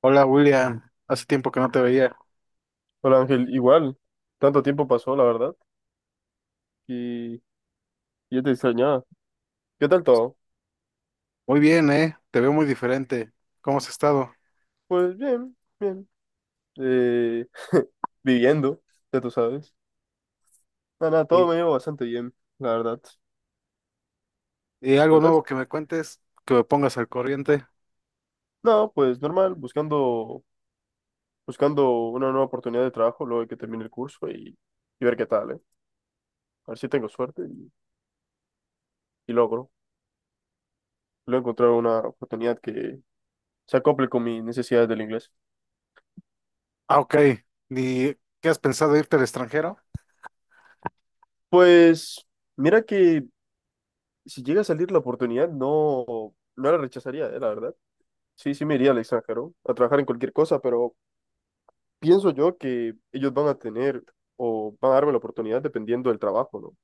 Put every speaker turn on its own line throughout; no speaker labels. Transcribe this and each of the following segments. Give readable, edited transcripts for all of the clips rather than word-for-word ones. Hola William, hace tiempo que no te veía.
Hola Ángel, igual, tanto tiempo pasó, la verdad, y yo te extrañaba. ¿Qué tal todo?
Muy bien, ¿eh? Te veo muy diferente. ¿Cómo has estado?
Pues bien, bien, eh, viviendo, ya tú sabes. Nada, nada, todo
Y,
me llevo bastante bien, la verdad,
y algo
¿verdad?
nuevo que me cuentes, que me pongas al corriente.
No, pues normal, buscando, buscando una nueva oportunidad de trabajo luego de que termine el curso y, ver qué tal, ¿eh? A ver si tengo suerte y logro, logro encontrar una oportunidad que se acople con mis necesidades del inglés.
Ah, ok. ¿Y qué has pensado irte al extranjero?
Pues, mira que si llega a salir la oportunidad, no, no la rechazaría, la verdad. Sí, sí me iría al extranjero a trabajar en cualquier cosa, pero pienso yo que ellos van a tener o van a darme la oportunidad dependiendo del trabajo, ¿no?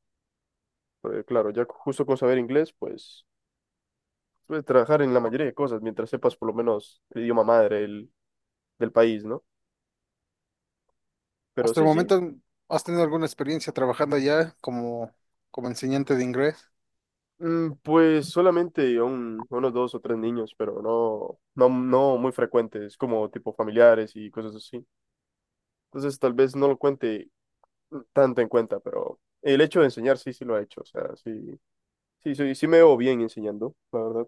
Porque, claro, ya justo con saber inglés, pues puedes trabajar en la mayoría de cosas mientras sepas por lo menos el idioma madre del país, ¿no? Pero
Hasta el
sí, sí.
momento, ¿has tenido alguna experiencia trabajando allá como enseñante de inglés?
Pues solamente unos dos o tres niños, pero no, no, no muy frecuentes, como tipo familiares y cosas así. Entonces tal vez no lo cuente tanto en cuenta, pero el hecho de enseñar sí, sí lo ha hecho, o sea, sí, sí, sí, sí me veo bien enseñando, la verdad.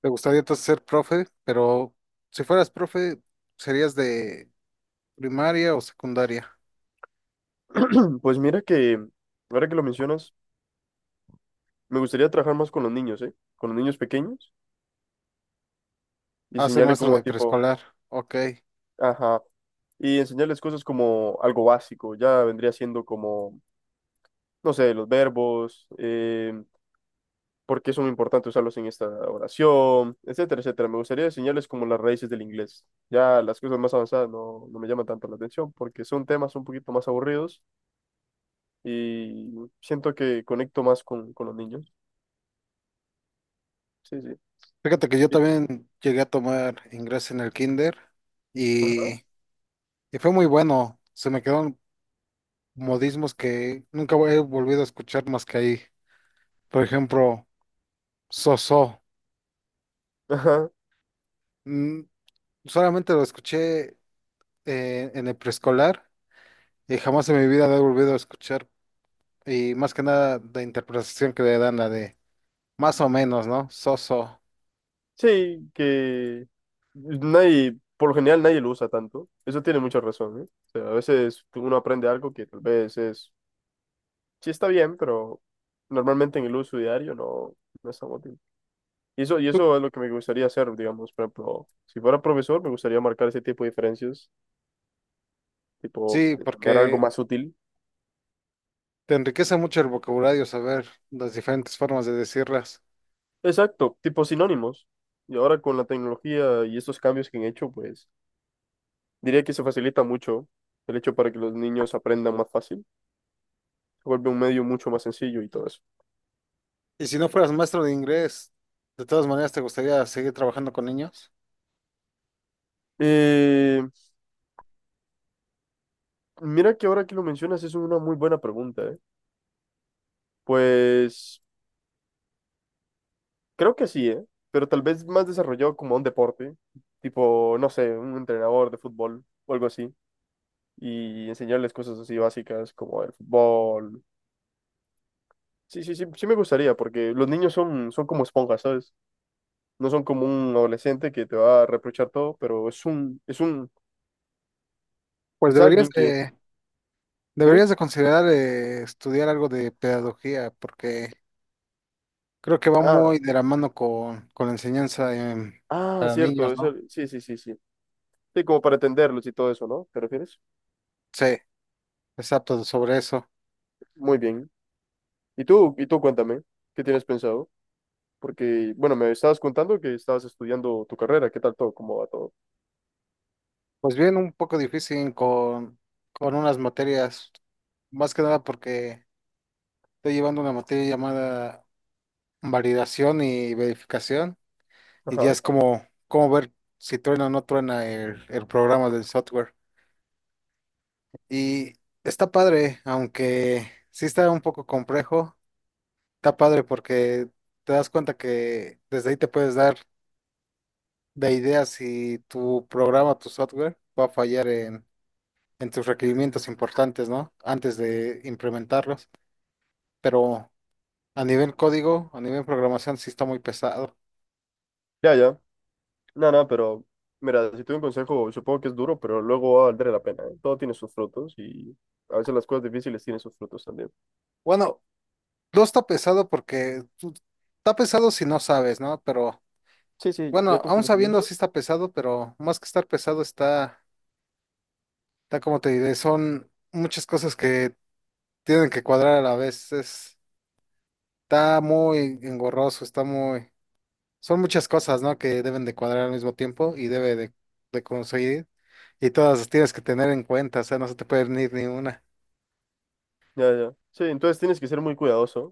¿Te gustaría entonces ser profe? Pero si fueras profe, ¿serías de primaria o secundaria?
Pues mira que, ahora que lo mencionas, me gustaría trabajar más con los niños, ¿eh? Con los niños pequeños y
Ah, soy
enseñarle
maestro
como
de
tipo,
preescolar. Ok.
ajá, y enseñarles cosas como algo básico, ya vendría siendo como, no sé, los verbos, porque es muy importante usarlos en esta oración, etcétera, etcétera. Me gustaría enseñarles como las raíces del inglés. Ya las cosas más avanzadas no, no me llaman tanto la atención porque son temas un poquito más aburridos y siento que conecto más con, los niños. Sí, sí.
Fíjate que yo
Y-
también llegué a tomar inglés en el kinder y,
Ajá.
y fue muy bueno. Se me quedaron modismos que nunca he volvido a escuchar más que ahí. Por ejemplo, soso.
Ajá.
Mm, solamente lo escuché en el preescolar y jamás en mi vida lo he volvido a escuchar. Y más que nada la interpretación que le dan la de más o menos, ¿no? Soso.
Sí, que nadie, por lo general nadie lo usa tanto. Eso tiene mucha razón, ¿eh? O sea, a veces uno aprende algo que tal vez es, sí está bien, pero normalmente en el uso diario no, no es tan útil. Y
Tú-
eso es lo que me gustaría hacer, digamos, por ejemplo, si fuera profesor, me gustaría marcar ese tipo de diferencias, tipo,
sí,
de poner algo
porque
más útil.
te enriquece mucho el vocabulario saber las diferentes formas de decirlas.
Exacto, tipo sinónimos. Y ahora con la tecnología y estos cambios que han hecho, pues diría que se facilita mucho el hecho para que los niños aprendan más fácil. Se vuelve un medio mucho más sencillo y todo eso.
Y si no fueras maestro de inglés, de todas maneras, ¿te gustaría seguir trabajando con niños?
Eh, mira que ahora que lo mencionas es una muy buena pregunta, ¿eh? Pues creo que sí, ¿eh? Pero tal vez más desarrollado como un deporte, tipo, no sé, un entrenador de fútbol o algo así. Y enseñarles cosas así básicas como el fútbol. Sí, sí, sí, sí me gustaría, porque los niños son, como esponjas, ¿sabes? No son como un adolescente que te va a reprochar todo, pero
Pues
es
deberías
alguien que...
de,
¿Dime?
deberías de considerar estudiar algo de pedagogía, porque creo que va
Ah,
muy de la mano con la enseñanza
ah,
para
cierto,
niños, ¿no?
sí, sí, sí, sí. Sí, como para entenderlos y todo eso, ¿no? ¿Te refieres?
Sí, exacto, sobre eso.
Muy bien. Y tú cuéntame, ¿qué tienes pensado? Porque, bueno, me estabas contando que estabas estudiando tu carrera, ¿qué tal todo? ¿Cómo va todo?
Pues bien, un poco difícil con unas materias, más que nada porque estoy llevando una materia llamada validación y verificación. Y ya
Ajá.
es como ver si truena o no truena el programa del software. Y está padre, aunque sí está un poco complejo, está padre porque te das cuenta que desde ahí te puedes dar de ideas si tu programa, tu software va a fallar en tus requerimientos importantes, ¿no? Antes de implementarlos. Pero a nivel código, a nivel programación, sí está muy pesado.
Ya, ya. No, no, pero mira, si te doy un consejo, supongo que es duro, pero luego va a valer la pena, ¿eh? Todo tiene sus frutos y a veces las cosas difíciles tienen sus frutos también.
Bueno, no está pesado porque tú- está pesado si no sabes, ¿no? Pero
Sí, sí,
bueno,
ya con
aún sabiendo
conocimiento.
si está pesado, pero más que estar pesado está, está como te diré, son muchas cosas que tienen que cuadrar a la vez. Es- está muy engorroso, está muy, son muchas cosas, ¿no? Que deben de cuadrar al mismo tiempo y debe de conseguir. Y todas las tienes que tener en cuenta, o sea, no se te puede ir ni una.
Ya, ya. Sí, entonces tienes que ser muy cuidadoso.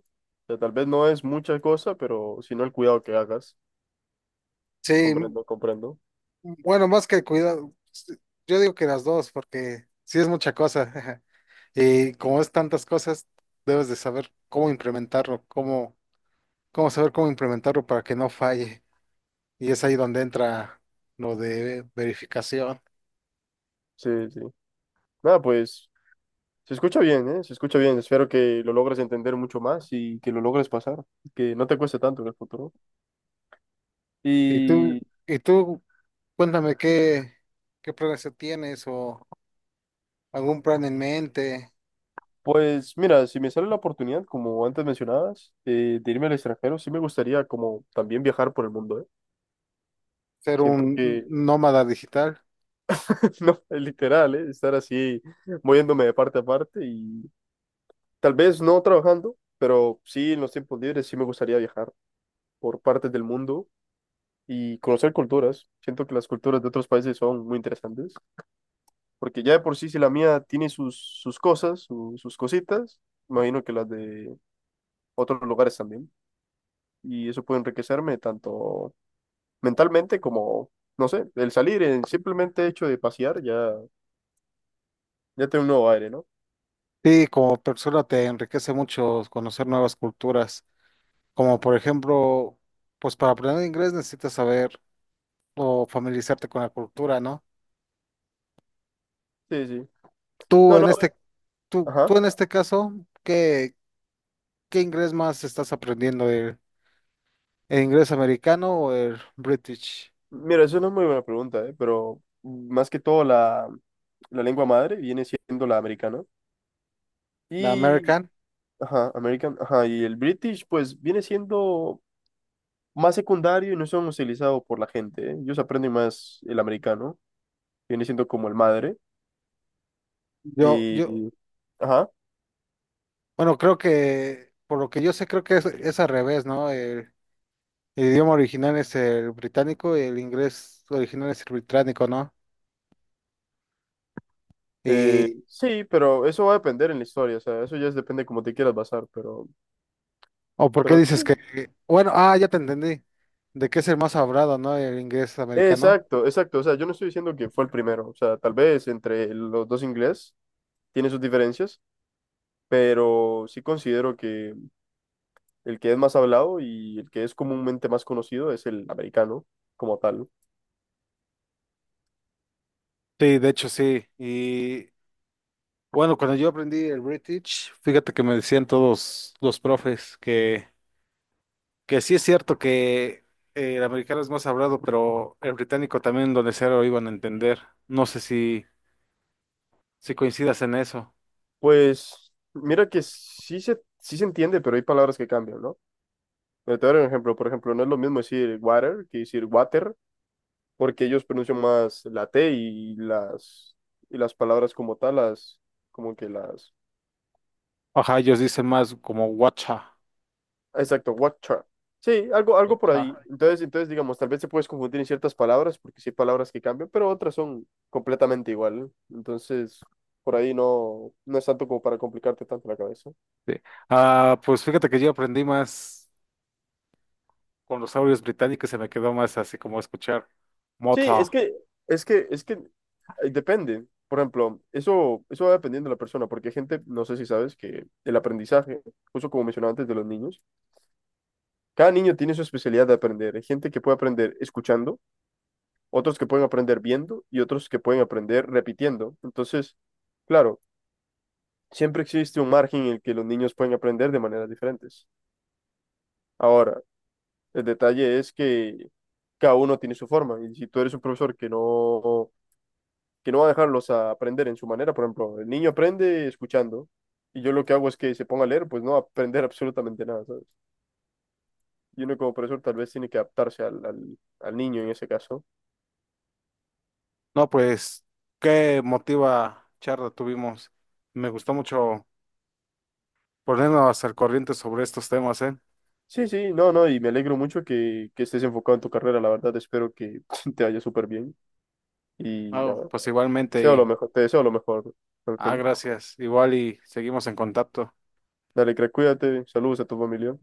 O sea, tal vez no es mucha cosa, pero sino el cuidado que hagas.
Sí, m-
Comprendo, comprendo.
bueno, más que cuidado, s- yo digo que las dos, porque sí es mucha cosa. Y como es tantas cosas, debes de saber cómo implementarlo, cómo saber cómo implementarlo para que no falle. Y es ahí donde entra lo de verificación.
Sí, sí. Nada, pues se escucha bien, ¿eh? Se escucha bien. Espero que lo logres entender mucho más y que lo logres pasar. Que no te cueste tanto en el futuro.
Y tú,
Y
y tú, cuéntame qué, qué planes tienes o algún plan en mente,
pues mira, si me sale la oportunidad, como antes mencionabas, de irme al extranjero, sí me gustaría como también viajar por el mundo, ¿eh?
ser un
Siento que,
nómada digital.
no, es literal, ¿eh? Estar así moviéndome de parte a parte y tal vez no trabajando, pero sí en los tiempos libres sí me gustaría viajar por partes del mundo y conocer culturas. Siento que las culturas de otros países son muy interesantes, porque ya de por sí si la mía tiene sus cosas, sus cositas, imagino que las de otros lugares también y eso puede enriquecerme tanto mentalmente como, no sé, el salir, el simplemente hecho de pasear, ya, ya tiene un nuevo aire, ¿no?
Sí, como persona te enriquece mucho conocer nuevas culturas, como por ejemplo, pues para aprender inglés necesitas saber o familiarizarte con la cultura, ¿no?
Sí, sí.
Tú
No,
en
no,
este,
ajá.
tú en este caso, ¿qué, qué inglés más estás aprendiendo? ¿El inglés americano o el British?
Mira, eso no es muy buena pregunta, ¿eh? Pero más que todo la, lengua madre viene siendo la americana.
¿La
Y,
American?
ajá, American, ajá, y el British, pues viene siendo más secundario y no son utilizados por la gente, ¿eh? Ellos aprenden más el americano, viene siendo como el madre.
Yo,
Y, ajá.
bueno, creo que, por lo que yo sé, creo que es al revés, ¿no? El idioma original es el británico y el inglés original es el británico, ¿no?
Eh,
Y,
sí, pero eso va a depender en la historia, o sea, eso ya depende cómo te quieras basar, pero
¿o por qué
Pero
dices
sí,
que, bueno, ah, ya te entendí, de que es el más hablado, ¿no? El inglés americano.
exacto, exacto. O sea, yo no estoy diciendo que fue el primero. O sea, tal vez entre los dos inglés tiene sus diferencias, pero sí considero que el que es más hablado y el que es comúnmente más conocido es el americano como tal.
Sí, de hecho sí. Y bueno, cuando yo aprendí el British, fíjate que me decían todos los profes que... Que sí es cierto que el americano es más hablado, pero el británico también donde sea lo iban a entender. No sé si coincidas en eso.
Pues mira que sí se entiende, pero hay palabras que cambian, ¿no? Mira, te voy a dar un ejemplo. Por ejemplo, no es lo mismo decir water que decir water, porque ellos pronuncian más la T y las, palabras como tal, como que las.
Ajá, ellos dicen más como guacha.
Exacto, Watcher. Sí, algo, algo por ahí.
Guacha.
Entonces, digamos, tal vez se puedes confundir en ciertas palabras, porque sí hay palabras que cambian, pero otras son completamente igual, ¿eh? Entonces, por ahí no, no es tanto como para complicarte tanto la cabeza.
Sí. Ah, pues fíjate que yo aprendí más con los audios británicos, se me quedó más así como escuchar
Sí, es
mota.
que, es que, es que eh, depende. Por ejemplo, eso va dependiendo de la persona, porque hay gente, no sé si sabes, que el aprendizaje, justo como mencionaba antes de los niños, cada niño tiene su especialidad de aprender. Hay gente que puede aprender escuchando, otros que pueden aprender viendo y otros que pueden aprender repitiendo. Entonces, claro, siempre existe un margen en el que los niños pueden aprender de maneras diferentes. Ahora, el detalle es que cada uno tiene su forma y si tú eres un profesor que no, va a dejarlos a aprender en su manera, por ejemplo, el niño aprende escuchando y yo lo que hago es que se ponga a leer, pues no va a aprender absolutamente nada, ¿sabes? Y uno como profesor tal vez tiene que adaptarse al niño en ese caso.
No, pues, qué motiva charla tuvimos. Me gustó mucho ponernos al corriente sobre estos temas, ¿eh?
Sí, sí, no, no, y me alegro mucho que estés enfocado en tu carrera, la verdad, espero que te vaya súper bien y
No,
nada,
pues
te deseo lo
igualmente. Y
mejor, te deseo lo mejor,
ah,
Ángel.
gracias. Igual y seguimos en contacto.
Dale, crack, cuídate, saludos a tu familia.